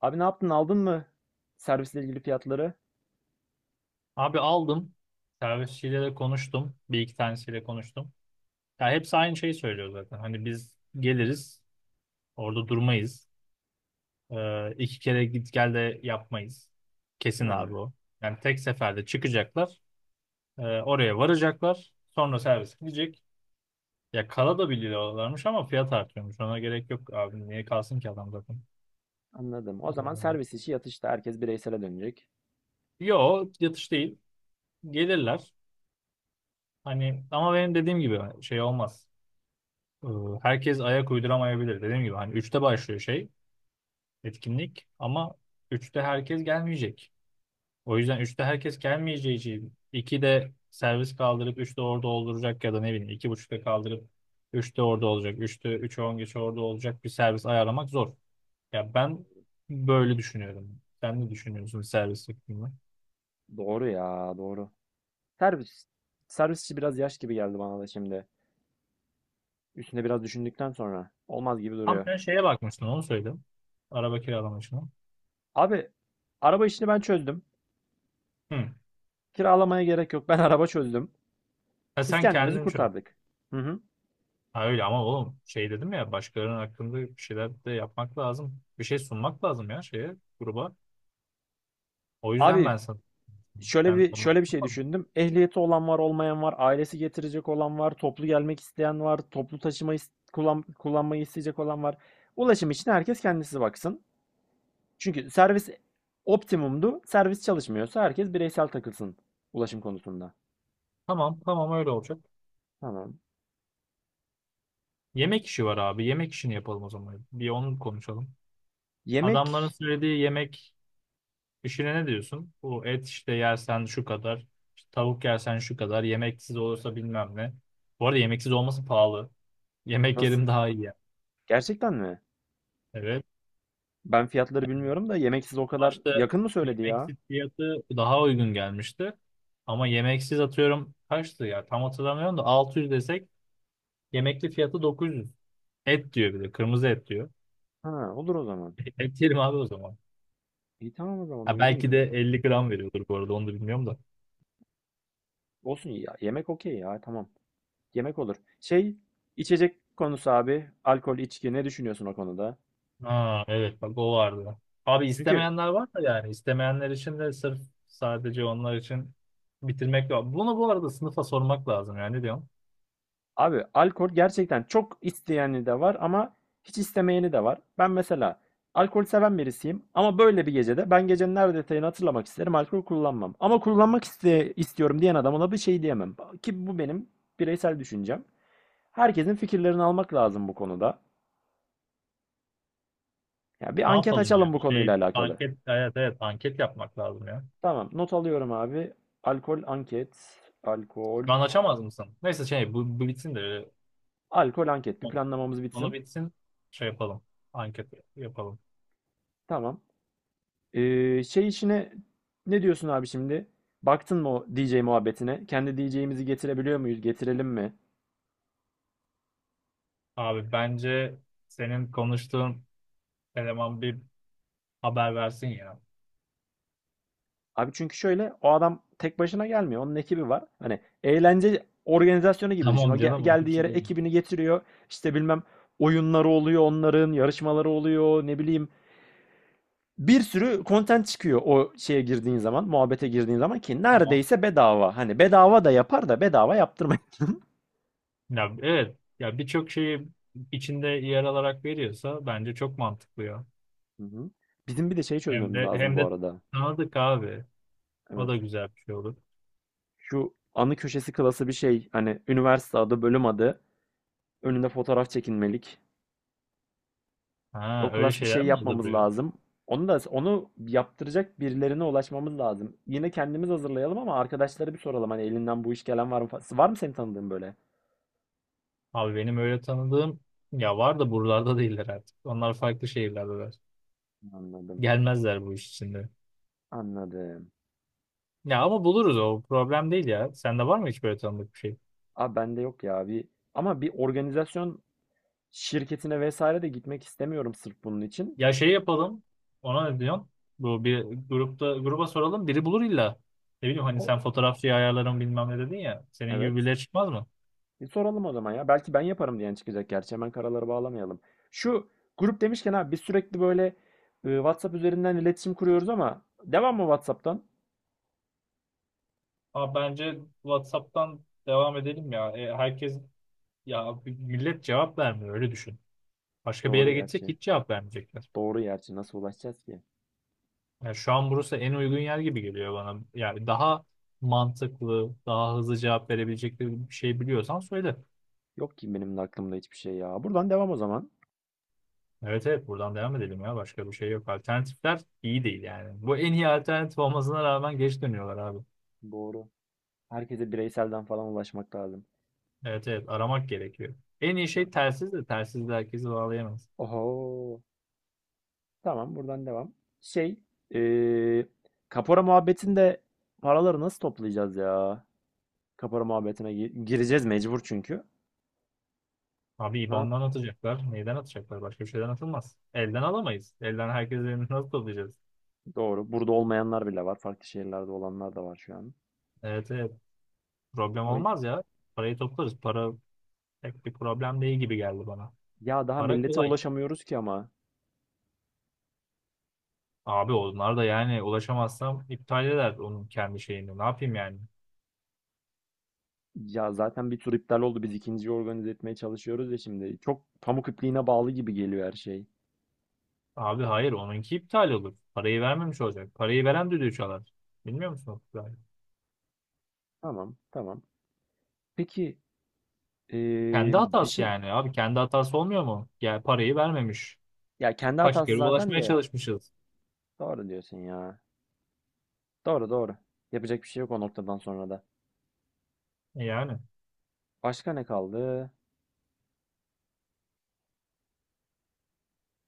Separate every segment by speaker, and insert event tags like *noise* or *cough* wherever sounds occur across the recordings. Speaker 1: Abi ne yaptın? Aldın mı servisle ilgili fiyatları?
Speaker 2: Abi aldım. Servisçiyle de konuştum. Bir iki tanesiyle konuştum. Ya hepsi aynı şeyi söylüyor zaten. Hani biz geliriz. Orada durmayız. İki kere git gel de yapmayız. Kesin abi
Speaker 1: Ha,
Speaker 2: o. Yani tek seferde çıkacaklar. Oraya varacaklar. Sonra servis gidecek. Ya kala da biliyorlarmış ama fiyat artıyormuş. Ona gerek yok abi. Niye kalsın ki adam zaten?
Speaker 1: anladım. O zaman
Speaker 2: Ee,
Speaker 1: servis işi yatışta. Herkes bireysele dönecek.
Speaker 2: yo yatış değil. Gelirler. Hani ama benim dediğim gibi şey olmaz. Ee, Herkes ayak uyduramayabilir. Dediğim gibi hani üçte başlıyor şey etkinlik ama üçte herkes gelmeyecek. O yüzden üçte herkes gelmeyeceği için 2'de servis kaldırıp üçte orada olduracak ya da ne bileyim iki buçukta kaldırıp üçte orada olacak. Üçte 3'e 10 geç orada olacak bir servis ayarlamak zor. Ya ben böyle düşünüyorum. Sen ne düşünüyorsun servis hakkında?
Speaker 1: Doğru ya, doğru. Servis. Servis işi biraz yaş gibi geldi bana da şimdi. Üstüne biraz düşündükten sonra. Olmaz gibi
Speaker 2: Tam
Speaker 1: duruyor.
Speaker 2: sen şeye bakmıştın onu söyledim. Araba kiralama işine.
Speaker 1: Abi, araba işini ben çözdüm.
Speaker 2: Hı.
Speaker 1: Kiralamaya gerek yok. Ben araba çözdüm.
Speaker 2: Ha,
Speaker 1: Biz
Speaker 2: sen
Speaker 1: kendimizi
Speaker 2: kendin çöz.
Speaker 1: kurtardık. Hı hı.
Speaker 2: Ha öyle ama oğlum şey dedim ya başkalarının hakkında bir şeyler de yapmak lazım. Bir şey sunmak lazım ya şeye gruba. O yüzden
Speaker 1: Abi
Speaker 2: ben sana
Speaker 1: Şöyle
Speaker 2: sen
Speaker 1: bir
Speaker 2: onu
Speaker 1: şöyle bir şey
Speaker 2: tamam,
Speaker 1: düşündüm. Ehliyeti olan var, olmayan var, ailesi getirecek olan var, toplu gelmek isteyen var, toplu taşıma kullanmayı isteyecek olan var. Ulaşım için herkes kendisi baksın. Çünkü servis optimumdu. Servis çalışmıyorsa herkes bireysel takılsın ulaşım konusunda.
Speaker 2: tamam, tamam, öyle olacak.
Speaker 1: Tamam.
Speaker 2: Yemek işi var abi. Yemek işini yapalım o zaman. Bir onu konuşalım.
Speaker 1: Yemek
Speaker 2: Adamların söylediği yemek işine ne diyorsun? Bu et işte yersen şu kadar, işte tavuk yersen şu kadar, yemeksiz olursa bilmem ne. Bu arada yemeksiz olması pahalı. Yemek
Speaker 1: nasıl?
Speaker 2: yerim daha iyi yani.
Speaker 1: Gerçekten mi?
Speaker 2: Evet.
Speaker 1: Ben fiyatları bilmiyorum da yemek size o kadar
Speaker 2: Başta
Speaker 1: yakın mı söyledi ya?
Speaker 2: yemeksiz fiyatı daha uygun gelmişti. Ama yemeksiz atıyorum kaçtı ya tam hatırlamıyorum da 600 desek yemekli fiyatı 900. Et diyor bir de kırmızı et diyor.
Speaker 1: Ha, olur o zaman.
Speaker 2: *laughs* Et yerim abi o zaman.
Speaker 1: İyi, tamam o zaman
Speaker 2: Ha,
Speaker 1: uygun
Speaker 2: belki de
Speaker 1: ya.
Speaker 2: 50 gram veriyordur bu arada onu da bilmiyorum da.
Speaker 1: Olsun ya. Yemek okey ya. Tamam. Yemek olur. Şey, içecek konusu abi. Alkol, içki ne düşünüyorsun o konuda?
Speaker 2: Ha, evet bak o vardı. Abi
Speaker 1: Çünkü
Speaker 2: istemeyenler var da yani istemeyenler için de sırf sadece onlar için bitirmek lazım. Bunu bu arada sınıfa sormak lazım yani ne diyorsun?
Speaker 1: abi alkol gerçekten çok isteyeni de var ama hiç istemeyeni de var. Ben mesela alkol seven birisiyim ama böyle bir gecede ben gecenin her detayını hatırlamak isterim. Alkol kullanmam. Ama kullanmak istiyorum diyen adama da bir şey diyemem. Ki bu benim bireysel düşüncem. Herkesin fikirlerini almak lazım bu konuda. Ya bir
Speaker 2: Ne
Speaker 1: anket
Speaker 2: yapalım
Speaker 1: açalım bu
Speaker 2: yani?
Speaker 1: konuyla
Speaker 2: Şey,
Speaker 1: alakalı.
Speaker 2: anket, evet, evet anket yapmak lazım ya.
Speaker 1: Tamam, not alıyorum abi. Alkol anket. Alkol.
Speaker 2: Şu an açamaz mısın? Neyse şey bu bitsin de
Speaker 1: Alkol anket. Bir planlamamız
Speaker 2: onu
Speaker 1: bitsin.
Speaker 2: bitsin şey yapalım. Anket yapalım.
Speaker 1: Tamam. Şey işine ne diyorsun abi şimdi? Baktın mı o DJ muhabbetine? Kendi DJ'imizi getirebiliyor muyuz? Getirelim mi?
Speaker 2: Abi bence senin konuştuğun eleman bir haber versin ya.
Speaker 1: Abi çünkü şöyle, o adam tek başına gelmiyor. Onun ekibi var. Hani eğlence organizasyonu
Speaker 2: *laughs*
Speaker 1: gibi düşün.
Speaker 2: Tamam canım onun
Speaker 1: Geldiği
Speaker 2: için
Speaker 1: yere
Speaker 2: diyorum.
Speaker 1: ekibini getiriyor. İşte bilmem oyunları oluyor onların, yarışmaları oluyor, ne bileyim. Bir sürü content çıkıyor o şeye girdiğin zaman, muhabbete girdiğin zaman, ki
Speaker 2: Tamam.
Speaker 1: neredeyse bedava. Hani bedava da yapar da bedava yaptırmayın. *laughs*
Speaker 2: Ya evet ya birçok şeyi içinde yer alarak veriyorsa bence çok mantıklı ya.
Speaker 1: Hı hı. Bizim bir de şey
Speaker 2: Hem
Speaker 1: çözmemiz
Speaker 2: de
Speaker 1: lazım
Speaker 2: hem
Speaker 1: bu
Speaker 2: de
Speaker 1: arada.
Speaker 2: tanıdık abi. O da
Speaker 1: Evet.
Speaker 2: güzel bir şey olur.
Speaker 1: Şu anı köşesi klası bir şey. Hani üniversite adı, bölüm adı. Önünde fotoğraf çekinmelik. O
Speaker 2: Ha öyle
Speaker 1: klas bir şey
Speaker 2: şeyler mi
Speaker 1: yapmamız
Speaker 2: hazırlıyor?
Speaker 1: lazım. Onu yaptıracak birilerine ulaşmamız lazım. Yine kendimiz hazırlayalım ama arkadaşlara bir soralım. Hani elinden bu iş gelen var mı? Var mı senin tanıdığın böyle?
Speaker 2: Abi benim öyle tanıdığım ya var da buralarda değiller artık. Onlar farklı şehirlerdeler.
Speaker 1: Anladım.
Speaker 2: Gelmezler bu iş içinde.
Speaker 1: Anladım.
Speaker 2: Ya ama buluruz o problem değil ya. Sende var mı hiç böyle tanıdık bir şey?
Speaker 1: Abi bende yok ya bir, ama bir organizasyon şirketine vesaire de gitmek istemiyorum sırf bunun için.
Speaker 2: Ya şey yapalım. Ona ne diyorsun? Bu bir grupta gruba soralım. Biri bulur illa. Ne bileyim hani
Speaker 1: O,
Speaker 2: sen fotoğrafçıyı ayarlarım bilmem ne dedin ya. Senin gibi
Speaker 1: evet.
Speaker 2: birileri çıkmaz mı?
Speaker 1: Bir soralım o zaman ya. Belki ben yaparım diyen çıkacak gerçi. Hemen karaları bağlamayalım. Şu grup demişken abi biz sürekli böyle WhatsApp üzerinden iletişim kuruyoruz, ama devam mı WhatsApp'tan?
Speaker 2: Ama bence WhatsApp'tan devam edelim ya. Herkes ya millet cevap vermiyor öyle düşün. Başka bir
Speaker 1: Doğru
Speaker 2: yere geçsek
Speaker 1: gerçi.
Speaker 2: hiç cevap vermeyecekler.
Speaker 1: Doğru gerçi. Nasıl ulaşacağız ki?
Speaker 2: Yani şu an burası en uygun yer gibi geliyor bana. Yani daha mantıklı, daha hızlı cevap verebilecekleri bir şey biliyorsan söyle.
Speaker 1: Yok ki benim de aklımda hiçbir şey ya. Buradan devam o zaman.
Speaker 2: Evet, evet buradan devam edelim ya. Başka bir şey yok. Alternatifler iyi değil yani. Bu en iyi alternatif olmasına rağmen geç dönüyorlar abi.
Speaker 1: Doğru. Herkese bireyselden falan ulaşmak lazım.
Speaker 2: Evet, evet aramak gerekiyor. En iyi
Speaker 1: Hı.
Speaker 2: şey telsiz de telsiz de herkesi bağlayamaz.
Speaker 1: Oho. Tamam, buradan devam. Şey, e, kapora muhabbetinde paraları nasıl toplayacağız ya? Kapora muhabbetine gireceğiz mecbur çünkü.
Speaker 2: Abi
Speaker 1: Ne yap?
Speaker 2: IBAN'dan atacaklar. Neyden atacaklar? Başka bir şeyden atılmaz. Elden alamayız. Elden herkesin elini *laughs* nasıl toplayacağız?
Speaker 1: Doğru. Burada olmayanlar bile var. Farklı şehirlerde olanlar da var şu an.
Speaker 2: Evet, evet problem
Speaker 1: O,
Speaker 2: olmaz ya. Parayı toplarız. Para pek bir problem değil gibi geldi bana.
Speaker 1: ya daha
Speaker 2: Para
Speaker 1: millete
Speaker 2: kolay.
Speaker 1: ulaşamıyoruz ki ama.
Speaker 2: Abi onlar da yani ulaşamazsam iptal eder onun kendi şeyini. Ne yapayım yani?
Speaker 1: Ya zaten bir tur iptal oldu. Biz ikinciyi organize etmeye çalışıyoruz ya şimdi. Çok pamuk ipliğine bağlı gibi geliyor her şey.
Speaker 2: Abi hayır onunki iptal olur. Parayı vermemiş olacak. Parayı veren düdüğü çalar. Bilmiyor musun o kuralı?
Speaker 1: Tamam, tamam. Peki
Speaker 2: Kendi
Speaker 1: bir
Speaker 2: hatası
Speaker 1: şey...
Speaker 2: yani. Abi kendi hatası olmuyor mu? Yani parayı vermemiş.
Speaker 1: Ya kendi
Speaker 2: Kaç
Speaker 1: hatası
Speaker 2: kere
Speaker 1: zaten
Speaker 2: ulaşmaya
Speaker 1: de.
Speaker 2: çalışmışız.
Speaker 1: Doğru diyorsun ya. Doğru doğru. Yapacak bir şey yok o noktadan sonra da.
Speaker 2: Yani.
Speaker 1: Başka ne kaldı?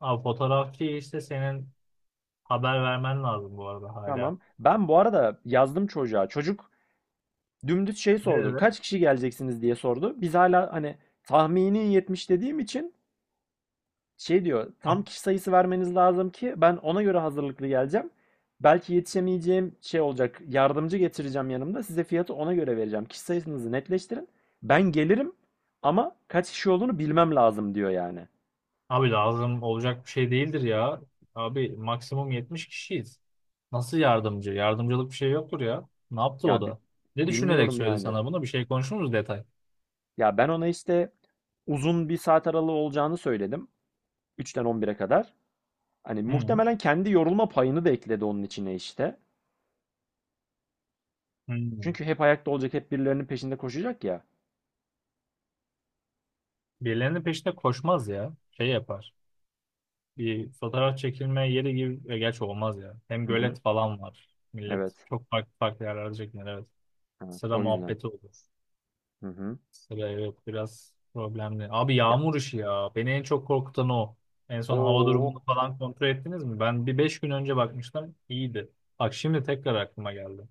Speaker 2: Abi fotoğrafçı işte senin haber vermen lazım bu arada hala.
Speaker 1: Tamam. Ben bu arada yazdım çocuğa. Çocuk dümdüz şey
Speaker 2: Ne
Speaker 1: sordu.
Speaker 2: dedi?
Speaker 1: Kaç kişi geleceksiniz diye sordu. Biz hala hani tahmini 70 dediğim için şey diyor. Tam
Speaker 2: Ab-
Speaker 1: kişi sayısı vermeniz lazım ki ben ona göre hazırlıklı geleceğim. Belki yetişemeyeceğim şey olacak. Yardımcı getireceğim yanımda. Size fiyatı ona göre vereceğim. Kişi sayısınızı netleştirin. Ben gelirim ama kaç kişi olduğunu bilmem lazım diyor yani.
Speaker 2: Abi lazım olacak bir şey değildir ya. Abi maksimum 70 kişiyiz. Nasıl yardımcı? Yardımcılık bir şey yoktur ya. Ne yaptı
Speaker 1: Ya
Speaker 2: o
Speaker 1: bi-
Speaker 2: da? Ne düşünerek
Speaker 1: Bilmiyorum
Speaker 2: söyledi
Speaker 1: yani.
Speaker 2: sana bunu? Bir şey konuşur muyuz detay?
Speaker 1: Ya ben ona işte uzun bir saat aralığı olacağını söyledim. 3'ten 11'e kadar. Hani
Speaker 2: Hı hı.
Speaker 1: muhtemelen kendi yorulma payını da ekledi onun içine işte.
Speaker 2: Hı.
Speaker 1: Çünkü hep ayakta olacak, hep birilerinin peşinde koşacak ya.
Speaker 2: Birilerinin peşinde koşmaz ya. Şey yapar. Bir fotoğraf çekilme yeri gibi gerçi olmaz ya. Hem
Speaker 1: Hı hı.
Speaker 2: gölet falan var. Millet
Speaker 1: Evet.
Speaker 2: çok farklı farklı yerlerde çekinir evet.
Speaker 1: Evet.
Speaker 2: Sıra
Speaker 1: O yüzden.
Speaker 2: muhabbeti olur.
Speaker 1: Hı hı.
Speaker 2: Sıra evet biraz problemli. Abi
Speaker 1: Ya
Speaker 2: yağmur işi ya. Beni en çok korkutan o. En son hava
Speaker 1: o
Speaker 2: durumunu falan kontrol ettiniz mi? Ben bir 5 gün önce bakmıştım. İyiydi. Bak şimdi tekrar aklıma geldi.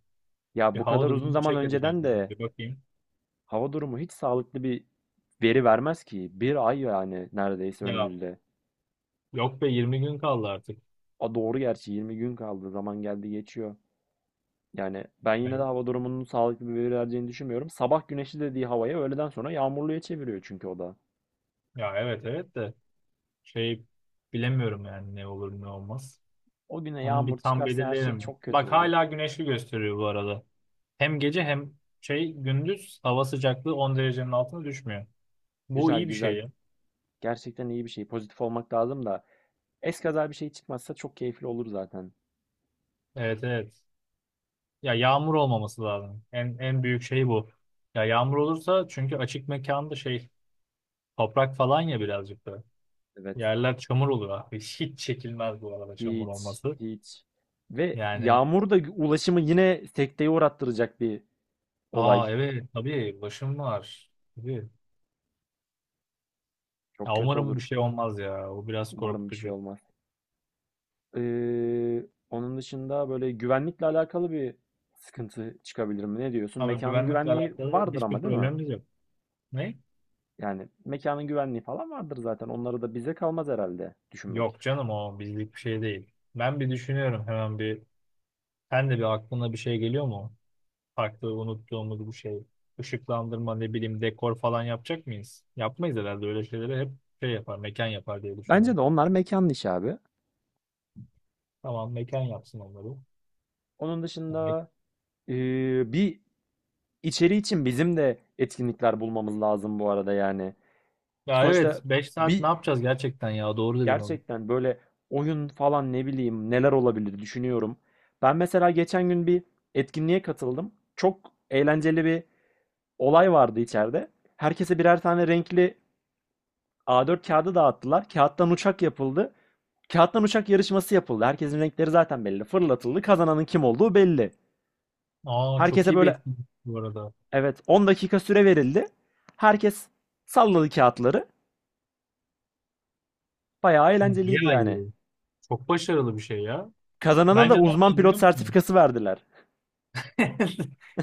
Speaker 2: Bir
Speaker 1: Ya bu
Speaker 2: hava
Speaker 1: kadar uzun
Speaker 2: durumunu
Speaker 1: zaman
Speaker 2: check edeceğim.
Speaker 1: önceden
Speaker 2: ben.
Speaker 1: de
Speaker 2: Bir bakayım.
Speaker 1: hava durumu hiç sağlıklı bir veri vermez ki. Bir ay yani neredeyse
Speaker 2: Ya
Speaker 1: önümüzde.
Speaker 2: yok be 20 gün kaldı artık.
Speaker 1: A doğru gerçi, 20 gün kaldı. Zaman geldi geçiyor. Yani ben
Speaker 2: Ya,
Speaker 1: yine de hava durumunun sağlıklı bir veri vereceğini düşünmüyorum. Sabah güneşli dediği havaya öğleden sonra yağmurluya çeviriyor çünkü o da.
Speaker 2: ya evet, evet de. Şey bilemiyorum yani ne olur ne olmaz.
Speaker 1: O güne
Speaker 2: Onu bir
Speaker 1: yağmur
Speaker 2: tam
Speaker 1: çıkarsa her şey
Speaker 2: belirleyelim.
Speaker 1: çok kötü
Speaker 2: Bak
Speaker 1: olur.
Speaker 2: hala güneşli gösteriyor bu arada. Hem gece hem şey gündüz hava sıcaklığı 10 derecenin altına düşmüyor. Bu
Speaker 1: Güzel
Speaker 2: iyi bir şey.
Speaker 1: güzel.
Speaker 2: ya.
Speaker 1: Gerçekten iyi bir şey. Pozitif olmak lazım da. Eskaza bir şey çıkmazsa çok keyifli olur zaten.
Speaker 2: Evet, evet. Ya yağmur olmaması lazım. En büyük şey bu. Ya yağmur olursa çünkü açık mekanda şey toprak falan ya birazcık da.
Speaker 1: Evet.
Speaker 2: Yerler çamur olur abi. *laughs* Hiç çekilmez bu arada çamur
Speaker 1: Hiç,
Speaker 2: olması.
Speaker 1: hiç. Ve
Speaker 2: Yani
Speaker 1: yağmur da ulaşımı yine sekteye uğrattıracak bir olay.
Speaker 2: aa evet tabii başım var. Tabii.
Speaker 1: Çok
Speaker 2: Ya
Speaker 1: kötü
Speaker 2: umarım
Speaker 1: olur.
Speaker 2: bir şey olmaz ya. O biraz
Speaker 1: Umarım bir şey
Speaker 2: korkutucu.
Speaker 1: olmaz. Onun dışında böyle güvenlikle alakalı bir sıkıntı çıkabilir mi? Ne diyorsun?
Speaker 2: Ama
Speaker 1: Mekanın
Speaker 2: güvenlikle
Speaker 1: güvenliği
Speaker 2: alakalı
Speaker 1: vardır
Speaker 2: hiçbir
Speaker 1: ama, değil mi?
Speaker 2: problemimiz yok. Ne?
Speaker 1: Yani mekanın güvenliği falan vardır zaten. Onları da bize kalmaz herhalde düşünmek.
Speaker 2: Yok canım o bizlik bir şey değil. Ben bir düşünüyorum hemen bir. Sen de bir aklına bir şey geliyor mu? Farklı unuttuğumuz bu şey. Işıklandırma ne bileyim dekor falan yapacak mıyız? Yapmayız herhalde öyle şeyleri hep şey yapar mekan yapar diye
Speaker 1: Bence
Speaker 2: düşünüyorum.
Speaker 1: de onlar mekanın işi abi.
Speaker 2: Tamam mekan yapsın onları.
Speaker 1: Onun
Speaker 2: Ya,
Speaker 1: dışında bir içeri için bizim de etkinlikler bulmamız lazım bu arada yani.
Speaker 2: ya evet
Speaker 1: Sonuçta
Speaker 2: 5 saat
Speaker 1: bir
Speaker 2: ne yapacağız gerçekten ya doğru dedin onu.
Speaker 1: gerçekten böyle oyun falan ne bileyim neler olabilir düşünüyorum. Ben mesela geçen gün bir etkinliğe katıldım. Çok eğlenceli bir olay vardı içeride. Herkese birer tane renkli A4 kağıdı dağıttılar. Kağıttan uçak yapıldı. Kağıttan uçak yarışması yapıldı. Herkesin renkleri zaten belli. Fırlatıldı. Kazananın kim olduğu belli.
Speaker 2: Aa çok
Speaker 1: Herkese
Speaker 2: iyi bir
Speaker 1: böyle
Speaker 2: etkinlik bu arada.
Speaker 1: evet, 10 dakika süre verildi. Herkes salladı kağıtları. Bayağı eğlenceliydi
Speaker 2: Bayağı
Speaker 1: yani.
Speaker 2: iyi. Çok başarılı bir şey ya.
Speaker 1: Kazanana da
Speaker 2: Bence ne
Speaker 1: uzman
Speaker 2: yapalım
Speaker 1: pilot
Speaker 2: biliyor musun?
Speaker 1: sertifikası verdiler.
Speaker 2: *laughs*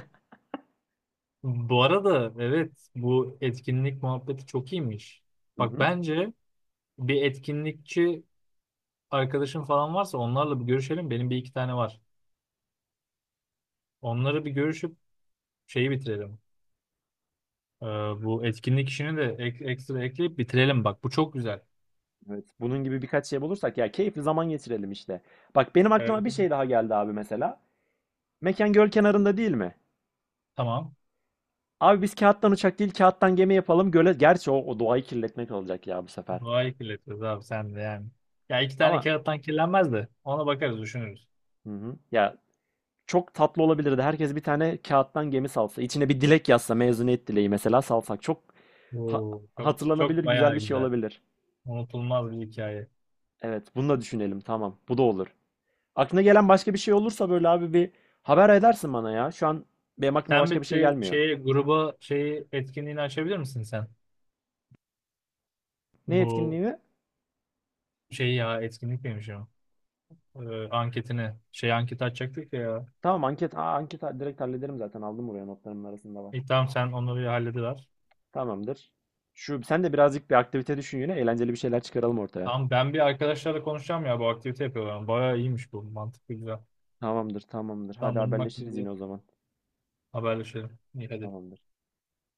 Speaker 2: Bu arada evet bu etkinlik muhabbeti çok iyiymiş.
Speaker 1: Hı
Speaker 2: Bak
Speaker 1: hı.
Speaker 2: bence bir etkinlikçi arkadaşın falan varsa onlarla bir görüşelim. Benim bir iki tane var. Onları bir görüşüp şeyi bitirelim. Ee, bu etkinlik işini de ekstra ekleyip bitirelim bak. Bu çok güzel.
Speaker 1: Evet, bunun gibi birkaç şey bulursak ya keyifli zaman geçirelim işte. Bak benim aklıma
Speaker 2: Evet.
Speaker 1: bir şey daha geldi abi mesela. Mekan göl kenarında, değil mi?
Speaker 2: Tamam.
Speaker 1: Abi biz kağıttan uçak değil, kağıttan gemi yapalım göle. Gerçi o, o doğayı kirletmek olacak ya bu sefer.
Speaker 2: Doğayı kirletiyoruz abi sen de yani. Ya iki tane
Speaker 1: Ama
Speaker 2: kağıttan kirlenmez de ona bakarız düşünürüz.
Speaker 1: hı hı. Ya çok tatlı olabilirdi. Herkes bir tane kağıttan gemi salsa, içine bir dilek yazsa, mezuniyet dileği mesela salsak. Çok Ha-
Speaker 2: Oo, çok,
Speaker 1: hatırlanabilir
Speaker 2: çok
Speaker 1: güzel
Speaker 2: bayağı
Speaker 1: bir şey
Speaker 2: güzel.
Speaker 1: olabilir.
Speaker 2: Unutulmaz bir hikaye.
Speaker 1: Evet, bunu da düşünelim. Tamam, bu da olur. Aklına gelen başka bir şey olursa böyle abi bir haber edersin bana ya. Şu an benim aklıma
Speaker 2: Sen
Speaker 1: başka
Speaker 2: bir
Speaker 1: bir şey
Speaker 2: şey,
Speaker 1: gelmiyor.
Speaker 2: şeye, gruba şeyi etkinliğini açabilir misin sen?
Speaker 1: Ne etkinliği
Speaker 2: Bu
Speaker 1: mi?
Speaker 2: şeyi ya etkinlik miymiş o? Anketini. Şey anket açacaktık ya.
Speaker 1: Tamam, anket. Aa, direkt hallederim zaten. Aldım, buraya notlarımın arasında var.
Speaker 2: İyi, tamam sen onları bir hallediver.
Speaker 1: Tamamdır. Şu, sen de birazcık bir aktivite düşün yine. Eğlenceli bir şeyler çıkaralım ortaya.
Speaker 2: Tamam ben bir arkadaşlarla konuşacağım ya bu aktivite yapıyorlar. Bayağı iyiymiş bu. Mantıklı güzel.
Speaker 1: Tamamdır, tamamdır. Hadi
Speaker 2: Tamam bunun
Speaker 1: haberleşiriz
Speaker 2: hakkında
Speaker 1: yine o zaman.
Speaker 2: haberleşelim. İyi hadi.
Speaker 1: Tamamdır.